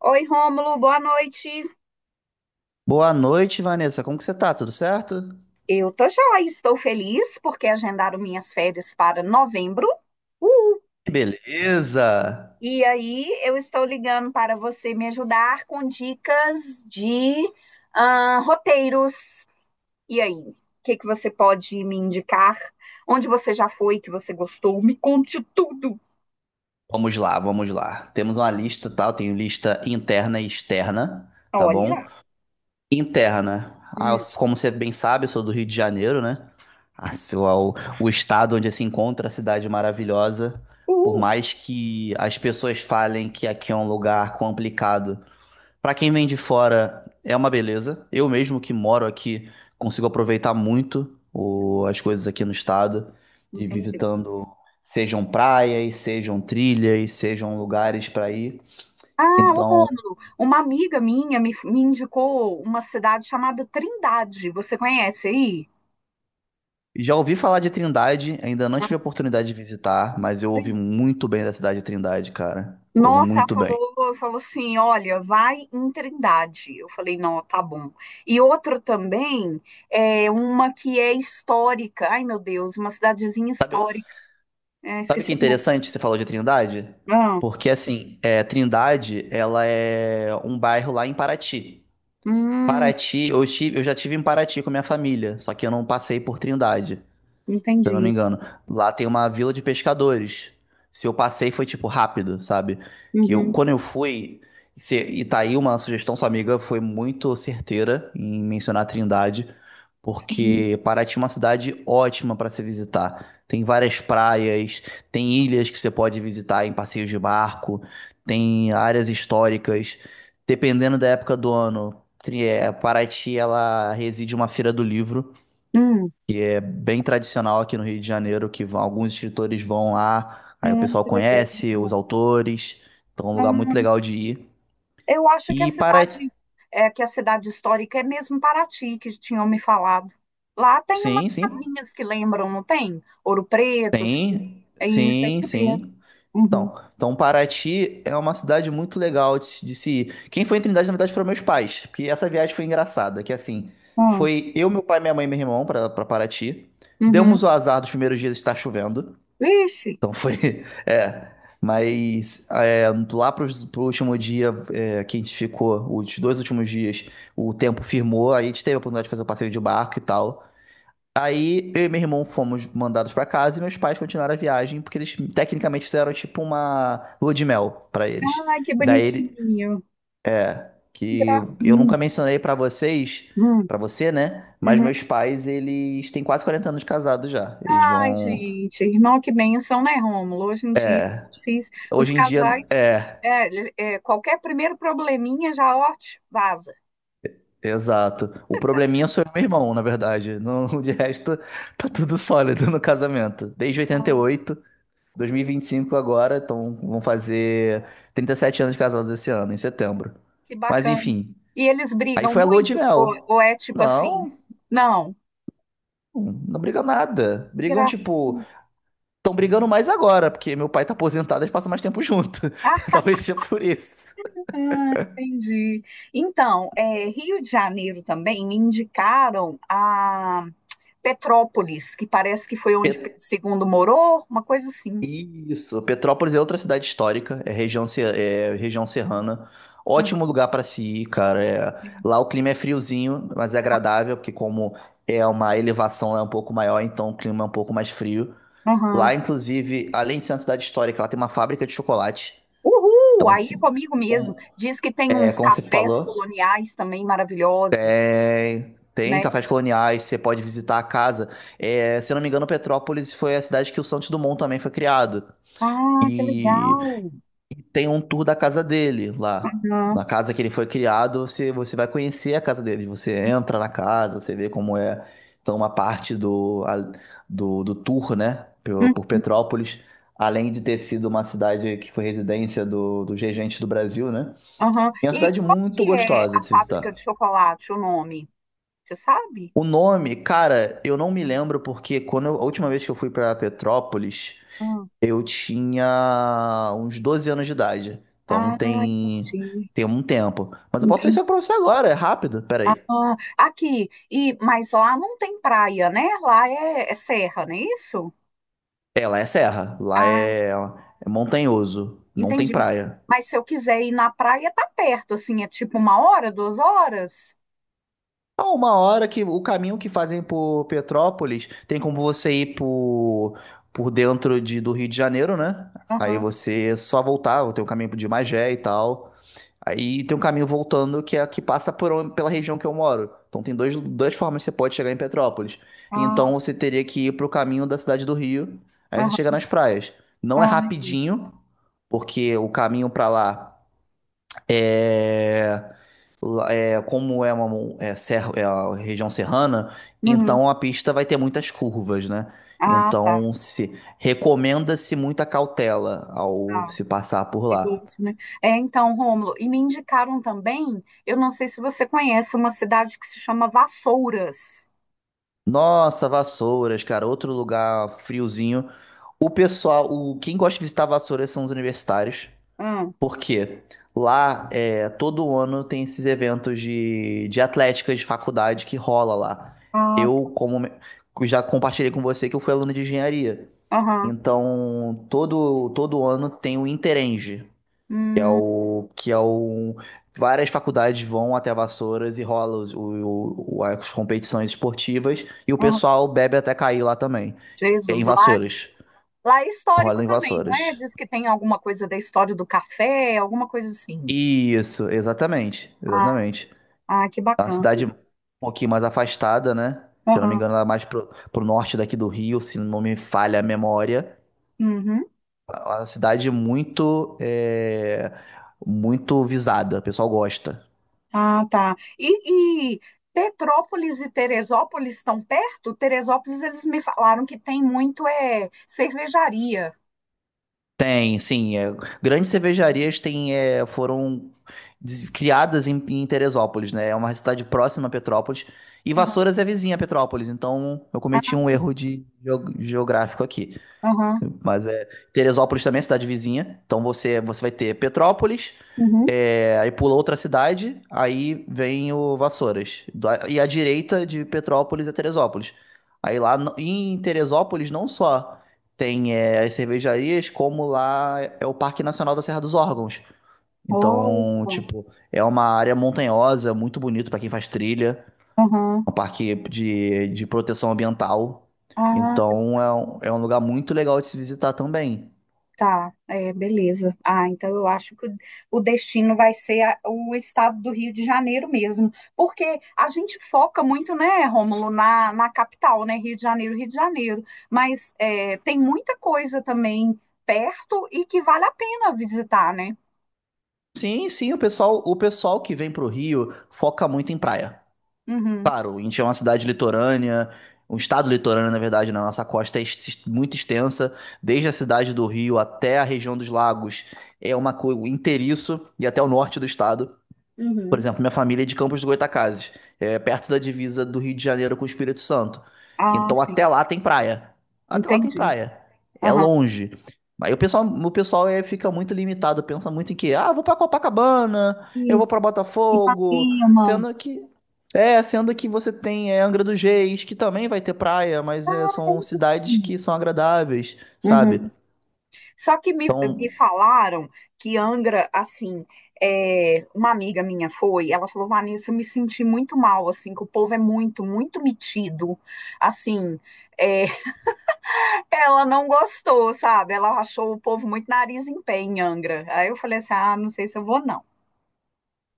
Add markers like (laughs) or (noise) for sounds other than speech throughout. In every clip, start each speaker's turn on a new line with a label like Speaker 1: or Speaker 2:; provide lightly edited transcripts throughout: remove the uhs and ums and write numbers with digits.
Speaker 1: Oi, Rômulo, boa noite.
Speaker 2: Boa noite, Vanessa. Como que você tá? Tudo certo?
Speaker 1: Eu tô joia, estou feliz porque agendaram minhas férias para novembro. Uhul.
Speaker 2: Beleza!
Speaker 1: E aí, eu estou ligando para você me ajudar com dicas de roteiros. E aí, o que que você pode me indicar? Onde você já foi que você gostou? Me conte tudo.
Speaker 2: Vamos lá, vamos lá. Temos uma lista, tá? Eu tenho lista interna e externa, tá
Speaker 1: Olha.
Speaker 2: bom? Interna. Ah,
Speaker 1: Hum.
Speaker 2: como você bem sabe, eu sou do Rio de Janeiro, né? A sua- o, o estado onde se encontra a cidade maravilhosa. Por
Speaker 1: Uhul.
Speaker 2: mais que as pessoas falem que aqui é um lugar complicado, para quem vem de fora, é uma beleza. Eu mesmo que moro aqui, consigo aproveitar muito as coisas aqui no estado, de
Speaker 1: Entendi.
Speaker 2: visitando, sejam praias, sejam trilhas, sejam lugares para ir.
Speaker 1: Ah, ô
Speaker 2: Então,
Speaker 1: Rômulo, uma amiga minha me indicou uma cidade chamada Trindade. Você conhece aí?
Speaker 2: já ouvi falar de Trindade, ainda não tive a oportunidade de visitar, mas eu ouvi
Speaker 1: É.
Speaker 2: muito bem da cidade de Trindade, cara. Ouvi
Speaker 1: Nossa, ela
Speaker 2: muito bem.
Speaker 1: falou assim, olha, vai em Trindade. Eu falei, não, tá bom. E outra também, é uma que é histórica. Ai, meu Deus, uma cidadezinha histórica. É,
Speaker 2: Sabe que
Speaker 1: esqueci
Speaker 2: é
Speaker 1: o nome.
Speaker 2: interessante que você falou de Trindade?
Speaker 1: Ah.
Speaker 2: Porque assim, Trindade, ela é um bairro lá em Paraty.
Speaker 1: Hum.
Speaker 2: Paraty, eu já tive em Paraty com a minha família, só que eu não passei por Trindade, se eu não me
Speaker 1: Entendi.
Speaker 2: engano. Lá tem uma vila de pescadores. Se eu passei foi tipo rápido, sabe? Que eu,
Speaker 1: Uhum.
Speaker 2: quando eu fui, e tá aí uma sugestão, sua amiga foi muito certeira em mencionar a Trindade,
Speaker 1: Sim.
Speaker 2: porque Paraty é uma cidade ótima para se visitar. Tem várias praias, tem ilhas que você pode visitar em passeios de barco, tem áreas históricas. Dependendo da época do ano, Paraty ela reside uma feira do livro
Speaker 1: Hum.
Speaker 2: que é bem tradicional aqui no Rio de Janeiro, alguns escritores vão lá, aí o
Speaker 1: Ah,
Speaker 2: pessoal
Speaker 1: que legal.
Speaker 2: conhece os autores, então é um lugar muito legal de ir.
Speaker 1: Eu acho que a
Speaker 2: E
Speaker 1: cidade,
Speaker 2: Paraty,
Speaker 1: é que a cidade histórica é mesmo Paraty, que tinham me falado. Lá tem umas
Speaker 2: sim, sim,
Speaker 1: casinhas que lembram, não tem? Ouro Preto, assim.
Speaker 2: tem,
Speaker 1: É
Speaker 2: sim,
Speaker 1: isso mesmo.
Speaker 2: sim.
Speaker 1: Uhum.
Speaker 2: Então Paraty é uma cidade muito legal de se ir. Quem foi em Trindade, na verdade, foram meus pais, porque essa viagem foi engraçada, que assim,
Speaker 1: Hum.
Speaker 2: foi eu, meu pai, minha mãe e meu irmão para Paraty.
Speaker 1: Uhum.
Speaker 2: Demos o azar dos primeiros dias estar chovendo.
Speaker 1: Vixe,
Speaker 2: Então foi. (laughs) É. Mas é, lá pro último dia que a gente ficou, os dois últimos dias, o tempo firmou, aí a gente teve a oportunidade de fazer o passeio de barco e tal. Aí eu e meu irmão fomos mandados pra casa e meus pais continuaram a viagem, porque eles tecnicamente fizeram tipo uma lua de mel pra eles.
Speaker 1: ai, que
Speaker 2: Daí ele,
Speaker 1: bonitinho, que
Speaker 2: que eu
Speaker 1: gracinha.
Speaker 2: nunca mencionei pra vocês,
Speaker 1: Hum.
Speaker 2: pra você, né? Mas
Speaker 1: Uhum.
Speaker 2: meus pais, eles têm quase 40 anos de casado já. Eles
Speaker 1: Ai,
Speaker 2: vão.
Speaker 1: gente, irmão, que bênção, né, Rômulo? Hoje em dia é difícil. Os
Speaker 2: Hoje em dia,
Speaker 1: casais,
Speaker 2: é.
Speaker 1: qualquer primeiro probleminha já, ó, tch, vaza.
Speaker 2: Exato. O probleminha sou eu e meu irmão, na verdade. No, (laughs) de resto, tá tudo sólido no casamento. Desde 88, 2025 agora, então vão fazer 37 anos de casados esse ano, em setembro.
Speaker 1: Que
Speaker 2: Mas
Speaker 1: bacana.
Speaker 2: enfim,
Speaker 1: E eles
Speaker 2: aí
Speaker 1: brigam
Speaker 2: foi a lua
Speaker 1: muito?
Speaker 2: de
Speaker 1: Ou,
Speaker 2: mel.
Speaker 1: ou é tipo assim?
Speaker 2: Não,
Speaker 1: Não.
Speaker 2: não brigam nada. Brigam, tipo,
Speaker 1: Gracinha.
Speaker 2: estão brigando mais agora, porque meu pai tá aposentado, e passam mais tempo junto. (laughs)
Speaker 1: Ah,
Speaker 2: Talvez seja por isso.
Speaker 1: entendi. Então, Rio de Janeiro também me indicaram a Petrópolis, que parece que foi onde Pedro II morou, uma coisa assim.
Speaker 2: Isso, Petrópolis é outra cidade histórica, é região, se- é região serrana.
Speaker 1: Uhum.
Speaker 2: Ótimo lugar para se ir, cara. Lá o clima é friozinho, mas é agradável, porque como é uma elevação lá é um pouco maior, então o clima é um pouco mais frio. Lá,
Speaker 1: Uhum.
Speaker 2: inclusive, além de ser uma cidade histórica, lá tem uma fábrica de chocolate.
Speaker 1: Uhul!
Speaker 2: Então,
Speaker 1: Aí
Speaker 2: se,
Speaker 1: é comigo mesmo.
Speaker 2: como,
Speaker 1: Diz que tem
Speaker 2: é,
Speaker 1: uns
Speaker 2: como você
Speaker 1: cafés
Speaker 2: falou,
Speaker 1: coloniais também maravilhosos,
Speaker 2: tem
Speaker 1: né?
Speaker 2: cafés coloniais, você pode visitar a casa. É, se eu não me engano, Petrópolis foi a cidade que o Santos Dumont também foi criado.
Speaker 1: Ah, que legal!
Speaker 2: Tem um tour da casa dele lá.
Speaker 1: Uhum.
Speaker 2: Na casa que ele foi criado, você vai conhecer a casa dele. Você entra na casa, você vê como é. Então, uma parte do tour, né, por Petrópolis, além de ter sido uma cidade que foi residência dos regentes do Brasil, né?
Speaker 1: Aham.
Speaker 2: É uma
Speaker 1: E
Speaker 2: cidade
Speaker 1: qual que
Speaker 2: muito
Speaker 1: é
Speaker 2: gostosa
Speaker 1: a
Speaker 2: de se
Speaker 1: fábrica de
Speaker 2: visitar.
Speaker 1: chocolate, o nome? Você sabe?
Speaker 2: O nome, cara, eu não me lembro porque a última vez que eu fui para Petrópolis.
Speaker 1: Hum.
Speaker 2: Eu tinha uns 12 anos de idade. Então
Speaker 1: Ah,
Speaker 2: tem,
Speaker 1: entendi.
Speaker 2: tem um tempo. Mas eu posso ver
Speaker 1: Entendi.
Speaker 2: isso pra você agora, é rápido. Pera aí.
Speaker 1: Ah, aqui. E, mas lá não tem praia, né? Lá é serra, não é isso?
Speaker 2: É, lá é serra. Lá
Speaker 1: Ah,
Speaker 2: é montanhoso. Não tem
Speaker 1: entendi.
Speaker 2: praia.
Speaker 1: Mas se eu quiser ir na praia, tá perto, assim, é tipo uma hora, 2 horas?
Speaker 2: Há uma hora que o caminho que fazem por Petrópolis tem como você ir por dentro do Rio de Janeiro, né? Aí
Speaker 1: Aham.
Speaker 2: você só voltar, tem o caminho de Magé e tal. Aí tem um caminho voltando que é que passa pela região que eu moro. Então tem dois, duas formas que você pode chegar em Petrópolis.
Speaker 1: Ah,
Speaker 2: Então você teria que ir pro caminho da cidade do Rio, aí você chega
Speaker 1: aham.
Speaker 2: nas praias. Não é
Speaker 1: Ah,
Speaker 2: rapidinho, porque o caminho pra lá é, é como é uma serra, é a região serrana,
Speaker 1: uhum.
Speaker 2: então a pista vai ter muitas curvas, né?
Speaker 1: Ah, tá.
Speaker 2: Então se recomenda-se muita cautela ao
Speaker 1: Tá.
Speaker 2: se passar por lá.
Speaker 1: Perigoso, né? É, então, Rômulo, e me indicaram também, eu não sei se você conhece, uma cidade que se chama Vassouras.
Speaker 2: Nossa, Vassouras, cara, outro lugar friozinho. O pessoal, o quem gosta de visitar Vassouras são os universitários,
Speaker 1: Ah.
Speaker 2: porque lá todo ano tem esses eventos de atlética de faculdade que rola lá.
Speaker 1: Ah, tá.
Speaker 2: Eu, como já compartilhei com você que eu fui aluno de engenharia,
Speaker 1: Aham.
Speaker 2: então todo ano tem o Interenge
Speaker 1: Hum,
Speaker 2: que é um. Várias faculdades vão até Vassouras e rola as competições esportivas e o
Speaker 1: aham.
Speaker 2: pessoal bebe até cair lá também. É em
Speaker 1: Jesus, lá,
Speaker 2: Vassouras.
Speaker 1: lá é histórico
Speaker 2: Rola em
Speaker 1: também, não é?
Speaker 2: Vassouras.
Speaker 1: Diz que tem alguma coisa da história do café, alguma coisa assim.
Speaker 2: Isso, exatamente.
Speaker 1: Ah,
Speaker 2: Exatamente.
Speaker 1: ah, que
Speaker 2: É uma
Speaker 1: bacana.
Speaker 2: cidade um pouquinho mais afastada, né? Se eu não me
Speaker 1: Aham.
Speaker 2: engano, ela é mais pro norte daqui do Rio, se não me falha a memória.
Speaker 1: Uhum.
Speaker 2: É uma cidade é, muito visada. O pessoal gosta.
Speaker 1: Ah, tá. E Petrópolis e Teresópolis estão perto? Teresópolis, eles me falaram que tem muito é cervejaria.
Speaker 2: Tem, sim. Grandes cervejarias têm, foram criadas em Teresópolis, né? É uma cidade próxima a Petrópolis. E
Speaker 1: Aham,
Speaker 2: Vassouras é vizinha a Petrópolis, então eu cometi um erro de geográfico aqui.
Speaker 1: aham.
Speaker 2: Mas é. Teresópolis também é cidade vizinha. Então você vai ter Petrópolis,
Speaker 1: Uhum.
Speaker 2: aí pula outra cidade, aí vem o Vassouras. E à direita de Petrópolis é Teresópolis. Aí lá em Teresópolis não só tem as cervejarias, como lá é o Parque Nacional da Serra dos Órgãos.
Speaker 1: Oh,
Speaker 2: Então, tipo, é uma área montanhosa, muito bonito pra quem faz trilha
Speaker 1: aham.
Speaker 2: um parque de proteção ambiental.
Speaker 1: Ah,
Speaker 2: Então é um lugar muito legal de se visitar também.
Speaker 1: tá. É, beleza. Ah, então eu acho que o destino vai ser o estado do Rio de Janeiro mesmo. Porque a gente foca muito, né, Rômulo, na capital, né? Rio de Janeiro, Rio de Janeiro. Mas tem muita coisa também perto e que vale a pena visitar, né?
Speaker 2: Sim, sim, o pessoal que vem pro Rio foca muito em praia.
Speaker 1: Uhum,
Speaker 2: Claro, a gente é uma cidade litorânea, um estado litorâneo, na verdade, né? Nossa costa é muito extensa, desde a cidade do Rio até a região dos lagos, é uma coisa inteiriço e até o norte do estado. Por
Speaker 1: uhum.
Speaker 2: exemplo, minha família é de Campos do Goytacazes, é perto da divisa do Rio de Janeiro com o Espírito Santo.
Speaker 1: Ah,
Speaker 2: Então
Speaker 1: sim.
Speaker 2: até lá tem praia. Até lá tem
Speaker 1: Entendi.
Speaker 2: praia. É
Speaker 1: Aham.
Speaker 2: longe. Aí o pessoal fica muito limitado, pensa muito em que, ah, vou pra Copacabana, eu vou
Speaker 1: Isso.
Speaker 2: pra Botafogo,
Speaker 1: Ipanema.
Speaker 2: sendo que você tem Angra dos Reis, que também vai ter praia, mas são cidades que são agradáveis, sabe?
Speaker 1: Uhum. Só que me
Speaker 2: Então,
Speaker 1: falaram que Angra, assim, uma amiga minha foi, ela falou, Vanessa, eu me senti muito mal, assim, que o povo é muito, muito metido, assim, é, (laughs) ela não gostou, sabe? Ela achou o povo muito nariz em pé em Angra. Aí eu falei assim, não sei se eu vou, não.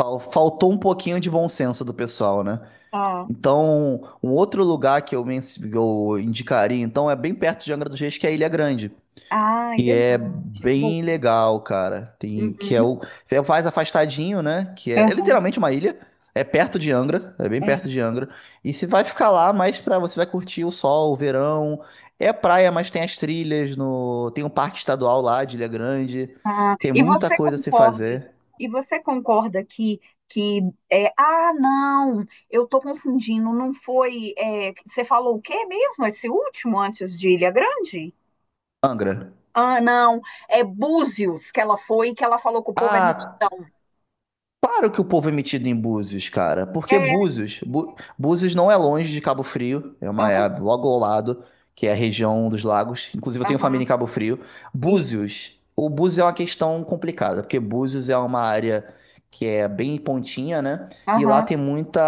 Speaker 2: faltou um pouquinho de bom senso do pessoal, né?
Speaker 1: Ah,
Speaker 2: Então, um outro lugar que eu indicaria, então, é bem perto de Angra dos Reis, que é Ilha Grande.
Speaker 1: ah,
Speaker 2: Que é
Speaker 1: legal, gente, bom.
Speaker 2: bem legal, cara. Tem,
Speaker 1: Uhum.
Speaker 2: que é o É mais afastadinho, né? Que é literalmente uma ilha. É perto de Angra, é bem perto
Speaker 1: Aham.
Speaker 2: de Angra. E você vai ficar lá, mas pra você vai curtir o sol, o verão. É praia, mas tem as trilhas no, tem um parque estadual lá de Ilha Grande.
Speaker 1: Ah,
Speaker 2: Tem
Speaker 1: e
Speaker 2: muita
Speaker 1: você
Speaker 2: coisa a se
Speaker 1: concorda?
Speaker 2: fazer.
Speaker 1: E você concorda que é, não, eu tô confundindo, não foi, você falou o quê mesmo, esse último antes de Ilha Grande?
Speaker 2: Angra.
Speaker 1: Ah, não, é Búzios que ela foi, que ela falou que o povo é
Speaker 2: Ah,
Speaker 1: mitidão.
Speaker 2: claro que o povo é metido em Búzios, cara. Porque
Speaker 1: É,
Speaker 2: Búzios não é longe de Cabo Frio, é uma
Speaker 1: aham,
Speaker 2: é logo ao lado, que é a região dos lagos. Inclusive, eu tenho família
Speaker 1: aham,
Speaker 2: em Cabo Frio.
Speaker 1: isso,
Speaker 2: O Búzios é uma questão complicada, porque Búzios é uma área que é bem pontinha, né? E lá
Speaker 1: aham.
Speaker 2: tem muita.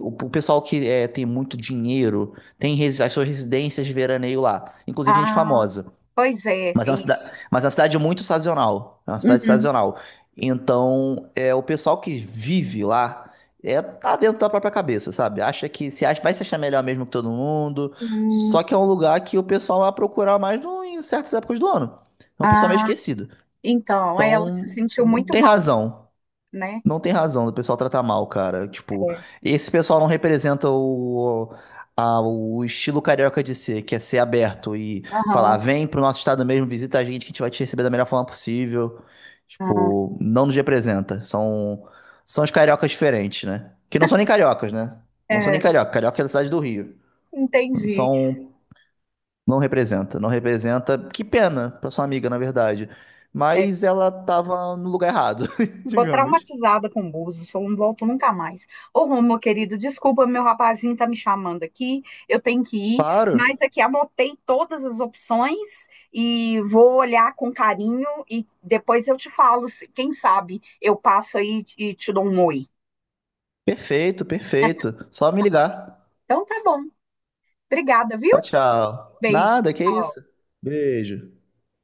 Speaker 2: O pessoal tem muito dinheiro, tem as suas residências de veraneio lá, inclusive gente
Speaker 1: Ah,
Speaker 2: famosa.
Speaker 1: pois é,
Speaker 2: Mas
Speaker 1: é
Speaker 2: é uma cida-
Speaker 1: isso.
Speaker 2: mas é uma cidade muito sazonal. É uma cidade
Speaker 1: Uhum.
Speaker 2: sazonal. Então, o pessoal que vive lá tá dentro da própria cabeça, sabe? Acha que se acha, vai se achar melhor mesmo que todo mundo.
Speaker 1: Hum.
Speaker 2: Só que é um lugar que o pessoal vai procurar mais em certas épocas do ano. É um pessoal meio
Speaker 1: Ah,
Speaker 2: esquecido.
Speaker 1: então, ela se
Speaker 2: Então,
Speaker 1: sentiu
Speaker 2: não
Speaker 1: muito
Speaker 2: tem
Speaker 1: mal,
Speaker 2: razão.
Speaker 1: né?
Speaker 2: Não tem razão do pessoal tratar mal, cara. Tipo,
Speaker 1: É,
Speaker 2: esse pessoal não representa o estilo carioca de ser, que é ser aberto e falar,
Speaker 1: aham,
Speaker 2: vem pro nosso estado mesmo, visita a gente, que a gente vai te receber da melhor forma possível.
Speaker 1: ah,
Speaker 2: Tipo, não nos representa. São os cariocas diferentes, né? Que não são nem cariocas, né? Não são nem
Speaker 1: é,
Speaker 2: carioca. Carioca é da cidade do Rio.
Speaker 1: entendi.
Speaker 2: São, não representa, não representa. Que pena pra sua amiga, na verdade. Mas ela tava no lugar errado, (laughs)
Speaker 1: Ficou
Speaker 2: digamos.
Speaker 1: traumatizada com Búzios, falou, não volto nunca mais. Ô, Rômulo, querido, desculpa, meu rapazinho tá me chamando aqui, eu tenho que ir,
Speaker 2: Claro.
Speaker 1: mas aqui anotei todas as opções e vou olhar com carinho e depois eu te falo, quem sabe eu passo aí e te dou um oi.
Speaker 2: Perfeito, perfeito. Só me ligar.
Speaker 1: Então tá bom, obrigada, viu?
Speaker 2: Tchau, tchau.
Speaker 1: Beijo,
Speaker 2: Nada, que
Speaker 1: tchau.
Speaker 2: isso. Beijo.